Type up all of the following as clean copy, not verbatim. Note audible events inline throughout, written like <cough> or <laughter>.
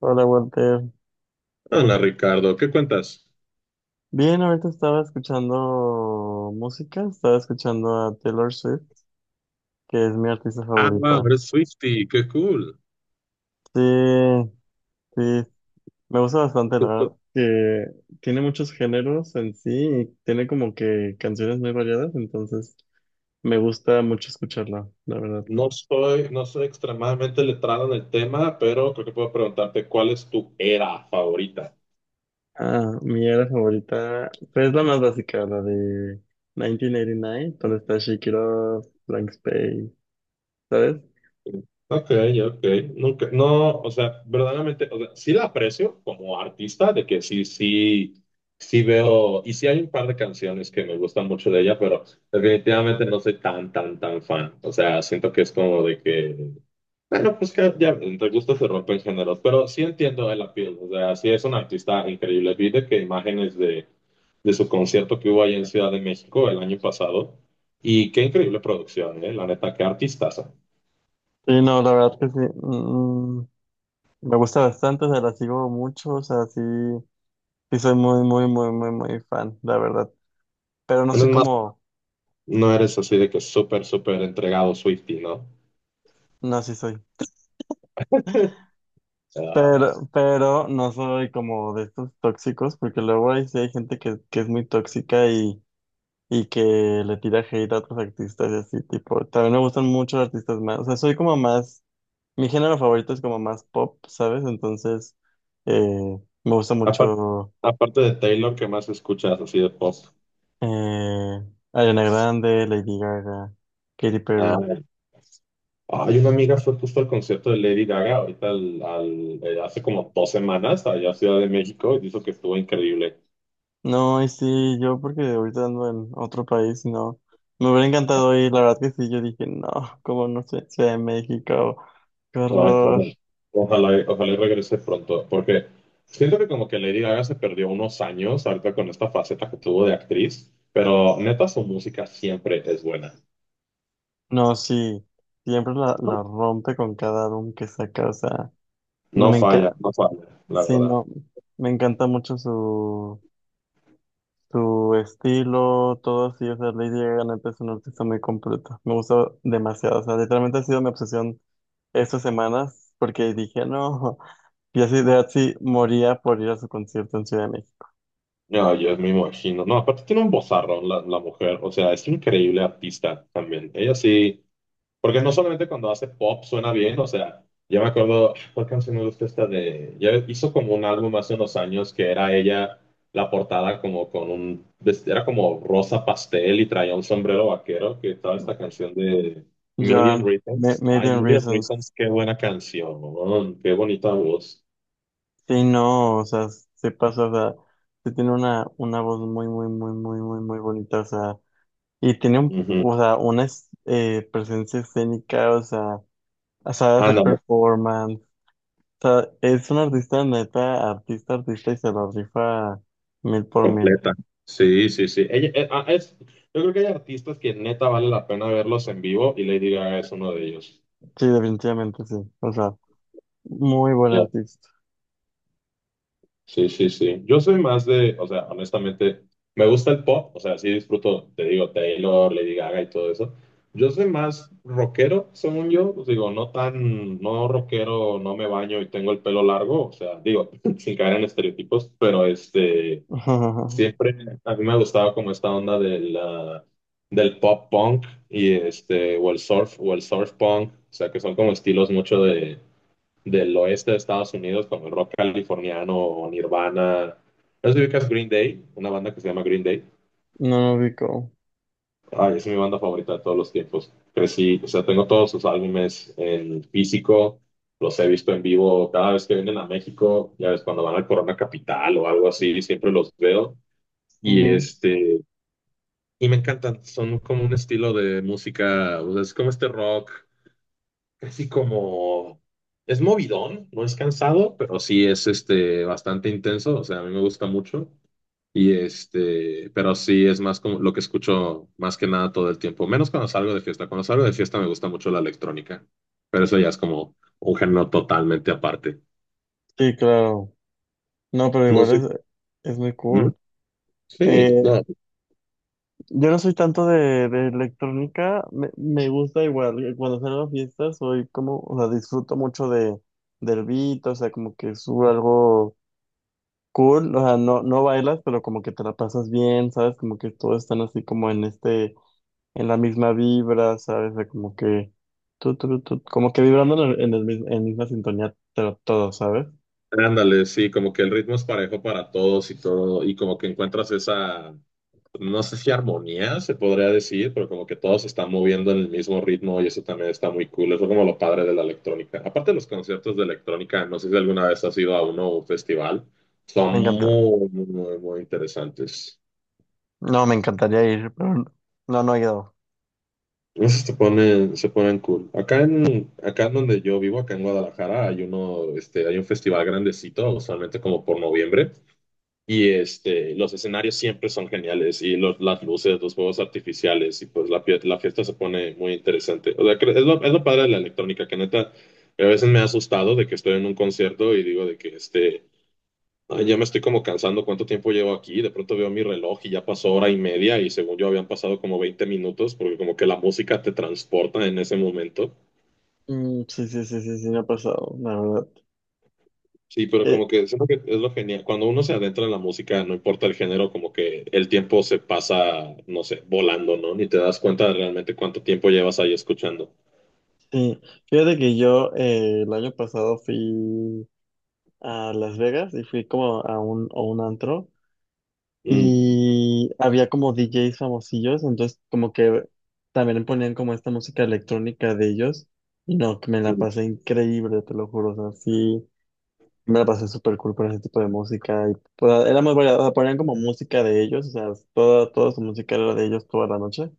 Hola Walter. Hola Ricardo, ¿qué cuentas? Bien, ahorita estaba escuchando música, estaba escuchando a Taylor Swift, que es mi artista Ah, wow, favorita. eres Swifty, qué cool. Sí, sí, me gusta bastante, la verdad, que tiene muchos géneros en sí y tiene como que canciones muy variadas, entonces me gusta mucho escucharla, la verdad. No soy extremadamente letrado en el tema, pero creo que puedo preguntarte cuál es tu era favorita. Ah, mi era favorita, pues es la más básica, la de 1989, donde está Shake It Off, Blank Space, ¿sabes? Ok, ok. Nunca, no, o sea, verdaderamente, o sea, sí la aprecio como artista, de que sí, sí, sí veo, y sí hay un par de canciones que me gustan mucho de ella, pero definitivamente no soy tan, tan, tan fan. O sea, siento que es como de que bueno, pues que ya entre gustos se rompen géneros, pero sí entiendo el appeal, o sea, sí es un artista increíble. Vi de que imágenes de su concierto que hubo ahí en Ciudad de México el año pasado, y qué increíble producción, ¿eh? La neta, qué artistaza. Sí, no, la verdad que sí. Me gusta bastante, o sea, la sigo mucho, o sea, sí, sí soy muy, muy, muy, muy, muy fan, la verdad. Pero no No soy es más, como, no eres así de que súper, súper entregado Swiftie, ¿no? no, sí soy. <laughs> Ah, Pero no soy como de estos tóxicos, porque luego hay, sí hay gente que es muy tóxica y que le tira hate a otros artistas y así, tipo, también me gustan mucho los artistas más, o sea, soy como más, mi género favorito es como más pop, ¿sabes? Entonces, eh, me gusta aparte, mucho aparte de Taylor, ¿qué más escuchas así de pop? eh, Ariana Grande, Lady Gaga, Katy Perry. Ah, hay una amiga fue justo al concierto de Lady Gaga, ahorita hace como 2 semanas, allá a Ciudad de México, y dijo que estuvo increíble. No, y sí, yo porque ahorita ando en otro país, no. Me hubiera encantado ir, la verdad que sí, yo dije, no, como no sé, Ciudad de México, qué Ay, horror. bueno, ojalá, ojalá y regrese pronto, porque siento que como que Lady Gaga se perdió unos años ahorita con esta faceta que tuvo de actriz, pero neta su música siempre es buena. No, sí, siempre la rompe con cada álbum que saca, o sea, no No me falla, encanta, no falla, la sí, verdad. no, me encanta mucho su estilo, todo así, o sea, Lady Gaga neta es un artista muy completo, me gusta demasiado, o sea, literalmente ha sido mi obsesión estas semanas, porque dije, no. Y así de así moría por ir a su concierto en Ciudad de México. No, yo me imagino. No, aparte tiene un vozarrón la mujer, o sea, es increíble artista también. Ella sí. Porque no solamente cuando hace pop suena bien, o sea, yo me acuerdo, ¿cuál canción me gusta esta de...? Ya hizo como un álbum hace unos años que era ella, la portada como con un... Era como rosa pastel y traía un sombrero vaquero, que estaba ¿No? esta canción de Million Joan, Reasons. Ay, Million Million Reasons. Reasons, qué buena canción, qué bonita voz. Sí, no, o sea, se pasa, o sea, sí tiene una, voz muy, muy, muy, muy, muy, muy bonita, o sea, y tiene un, Ujú. o sea, una presencia escénica, o sea, sabe hacer Ándale, performance, o sea, es un artista neta, artista, artista, y se lo rifa mil por mil. completa. Sí, sí, sí. Ella, es, yo creo que hay artistas que neta vale la pena verlos en vivo y Lady Gaga es uno de ellos. Sí, definitivamente sí, o sea, muy buen artista. Sí, sí, sí. Yo soy más de, o sea, honestamente, me gusta el pop, o sea, sí disfruto, te digo, Taylor, Lady Gaga y todo eso. Yo soy más rockero, según yo, pues digo, no tan, no rockero, no me baño y tengo el pelo largo, o sea, digo, <laughs> sin caer en estereotipos, pero este, <laughs> siempre a mí me ha gustado como esta onda de del pop punk y este, o el surf punk, o sea, que son como estilos mucho del oeste de Estados Unidos, como el rock californiano o Nirvana. No sé si ubicas Green Day, una banda que se llama Green Day. No lo ubico. Ay, es mi banda favorita de todos los tiempos. Crecí, o sea, tengo todos sus álbumes en físico, los he visto en vivo cada vez que vienen a México, ya ves, cuando van al Corona Capital o algo así, siempre los veo. Y este, y me encantan, son como un estilo de música, o sea, es como este rock casi como... Es movidón, no es cansado, pero sí es este bastante intenso, o sea, a mí me gusta mucho. Y este, pero sí es más como lo que escucho más que nada todo el tiempo, menos cuando salgo de fiesta. Cuando salgo de fiesta me gusta mucho la electrónica, pero eso ya es como un género totalmente aparte. Sí, claro. No, pero No igual sé. es, muy ¿Mm? cool. Sí, Eh, no. yo no soy tanto de, electrónica, me gusta igual. Cuando salgo a fiestas soy como, o sea, disfruto mucho de, del beat, o sea, como que subo algo cool, o sea, no, no bailas, pero como que te la pasas bien, ¿sabes? Como que todos están así como en este, en la misma vibra, ¿sabes? O sea, como que, tu, como que vibrando en misma sintonía, pero todo, ¿sabes? Ándale, sí, como que el ritmo es parejo para todos y todo, y como que encuentras esa, no sé si armonía se podría decir, pero como que todos se están moviendo en el mismo ritmo y eso también está muy cool, eso es como lo padre de la electrónica. Aparte de los conciertos de electrónica, no sé si alguna vez has ido a uno o un festival, son Me encanta. muy, muy, muy, muy interesantes. No, me encantaría ir, pero no, no he ido. Esos se ponen cool. Acá en donde yo vivo, acá en Guadalajara, hay uno, este, hay un festival grandecito, usualmente como por noviembre. Y este, los escenarios siempre son geniales y las luces, los juegos artificiales y pues la fiesta se pone muy interesante. O sea, es lo padre de la electrónica, que neta, a veces me ha asustado de que estoy en un concierto y digo de que este, "Ay, ya me estoy como cansando, ¿cuánto tiempo llevo aquí?" De pronto veo mi reloj y ya pasó 1 hora y media y según yo habían pasado como 20 minutos porque como que la música te transporta en ese momento. Mm, sí, sí, sí, sí, sí, me ha pasado, la verdad. Sí, pero Eh, como que siento que es lo genial. Cuando uno se adentra en la música, no importa el género, como que el tiempo se pasa, no sé, volando, ¿no? Ni te das cuenta de realmente cuánto tiempo llevas ahí escuchando. sí, fíjate que yo el año pasado fui a Las Vegas y fui como a un antro Mm, y había como DJs famosillos, entonces como que también ponían como esta música electrónica de ellos y no, que me la mm, pasé increíble, te lo juro, o sea, sí, me la pasé súper cool con ese tipo de música y era muy variada, o sea, ponían como música de ellos, o sea, toda, su música era de ellos toda la noche.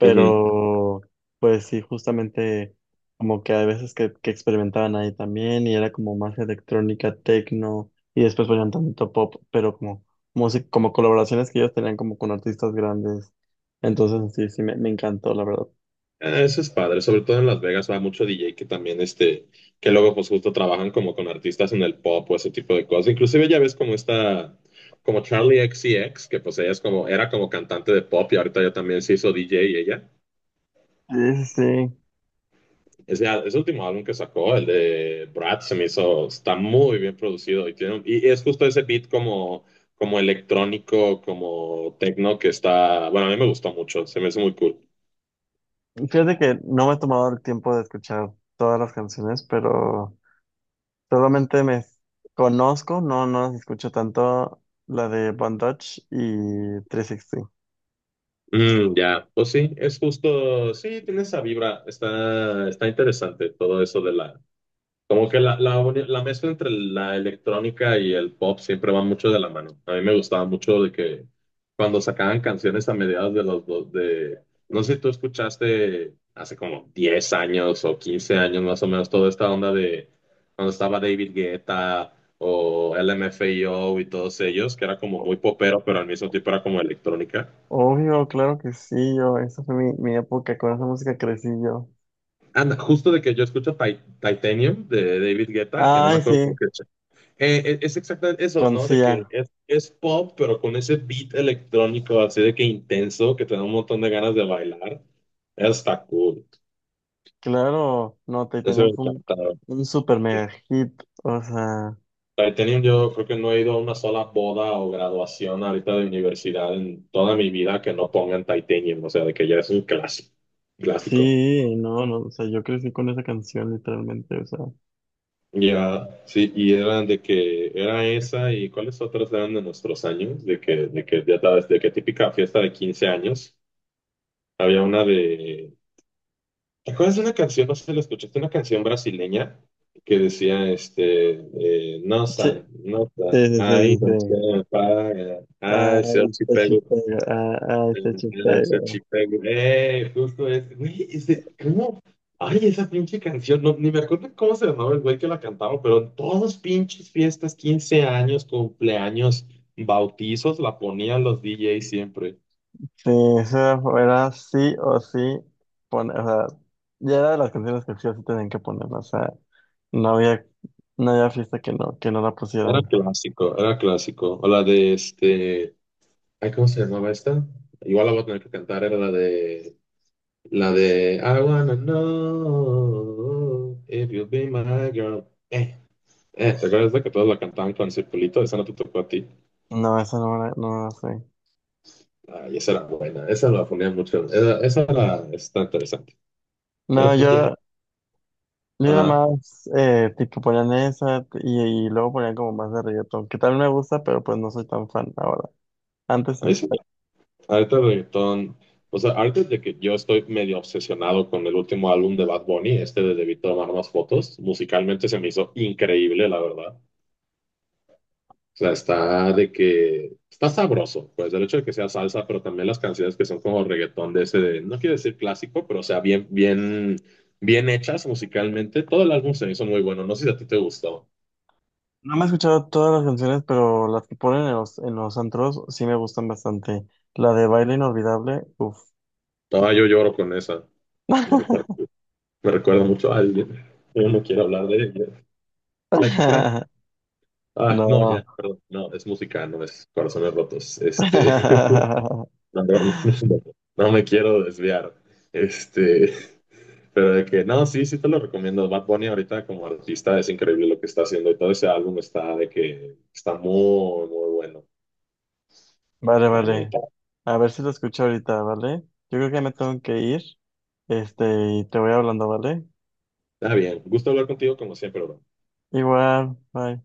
ujú. pues sí, justamente como que hay veces que experimentaban ahí también y era como más electrónica, techno y después ponían tanto pop, pero como música, como colaboraciones que ellos tenían como con artistas grandes. Entonces sí, sí, me, encantó, la verdad. Ah, eso es padre, sobre todo en Las Vegas va mucho DJ que también, este, que luego pues justo trabajan como con artistas en el pop o ese tipo de cosas. Inclusive ya ves como esta, como Charli XCX que pues ella es como, era como cantante de pop y ahorita ya también se hizo DJ ella. Sí, sí, Ese, ese último álbum que sacó, el de Brad, se me hizo, está muy bien producido y, tiene, y es justo ese beat como, como electrónico, como techno que está, bueno, a mí me gustó mucho, se me hizo muy cool. sí. Fíjate que no me he tomado el tiempo de escuchar todas las canciones, pero solamente me conozco, no, no las escucho tanto, la de Bandage y 360. Mm, ya, pues sí, es justo, sí, tiene esa vibra, está, está interesante todo eso de la, como que la mezcla entre la electrónica y el pop siempre va mucho de la mano. A mí me gustaba mucho de que cuando sacaban canciones a mediados de los dos, de, no sé si tú escuchaste hace como 10 años o 15 años más o menos toda esta onda de cuando estaba David Guetta o LMFAO y todos ellos, que era como muy popero, pero al mismo tiempo era como electrónica. Obvio, claro que sí, yo, esa fue mi, época, con esa música crecí yo. Anda, justo de que yo escucho Titanium de David Guetta, que no me Ay, acuerdo. sí, Es exactamente eso, con ¿no? De que Sia, es pop, pero con ese beat electrónico así de que intenso, que te da un montón de ganas de bailar. Está cool. claro, no, Eso me Titanium fue un, encantaba. un super mega hit, o sea, Titanium, yo creo que no he ido a una sola boda o graduación ahorita de universidad en toda mi vida que no pongan Titanium, o sea, de que ya es un clásico. Clásico. sí, no, no, o sea, yo crecí con esa canción literalmente, o sea, Ya, sí, y eran de que era esa y cuáles otras eran de nuestros años, de que ya sabes, de que típica fiesta de 15 años. Había una de ¿te acuerdas de una canción? No sé si la escuchaste, una canción brasileña que decía, este, sí, nosa, nota, sí, sí, ahí sí, sí, no sí. se paga, Ay, se chupega, ay, se ah, ese archipélago, justo ese, güey, ese, ¿cómo? Ay, esa pinche canción, no, ni me acuerdo cómo se llamaba el güey que la cantaba, pero en todas pinches fiestas, 15 años, cumpleaños, bautizos, la ponían los DJs siempre. Sí, eso era sí o sí poner, o sea, ya era de las canciones que sí o sí tenían que poner, o sea, no había, no había fiesta que no la Era pusieran. clásico, era clásico. O la de este. Ay, ¿cómo se llamaba esta? Igual la voy a tener que cantar, era la de... La de... I wanna know if you'll be my girl. ¿Te acuerdas de que todos la cantaban con circulito? Esa no te tocó a ti. No, esa no me la, no me la sé. Ay, esa era buena. Esa la ponía mucho. Esa era, está interesante. No, Pero pues ya. yo, era Ajá. más, tipo ponían esa y luego ponían como más de reggaetón, que tal me gusta, pero pues no soy tan fan ahora. Antes A mí sí. sí. Ahorita el reggaetón... O sea, ahorita de que yo estoy medio obsesionado con el último álbum de Bad Bunny, este de Debí tomar más fotos, musicalmente se me hizo increíble, la verdad. O sea, está de que está sabroso, pues el hecho de que sea salsa, pero también las canciones que son como reggaetón de ese, de, no quiero decir clásico, pero o sea, bien, bien, bien hechas musicalmente. Todo el álbum se me hizo muy bueno. No sé si a ti te gustó. No me he escuchado todas las canciones, pero las que ponen en los, antros sí me gustan bastante. La de Baile Inolvidable, uff. No, yo lloro con esa. Me recuerda, <laughs> me recuerda mucho a alguien. Yo no quiero hablar de ella. La extraño. <laughs> Ah, no, No. ya, perdón. No, es música, no es corazones rotos. Este, <laughs> <laughs> no, no, no, no no me quiero desviar. Este, pero de que, no, sí, sí te lo recomiendo. Bad Bunny ahorita como artista es increíble lo que está haciendo y todo ese álbum está de que está muy, muy bueno, Vale, la vale. neta. A ver si lo escucho ahorita, ¿vale? Yo creo que me tengo que ir. Este, y te voy hablando, ¿vale? Está bien. Gusto hablar contigo como siempre, bro. Igual, bye.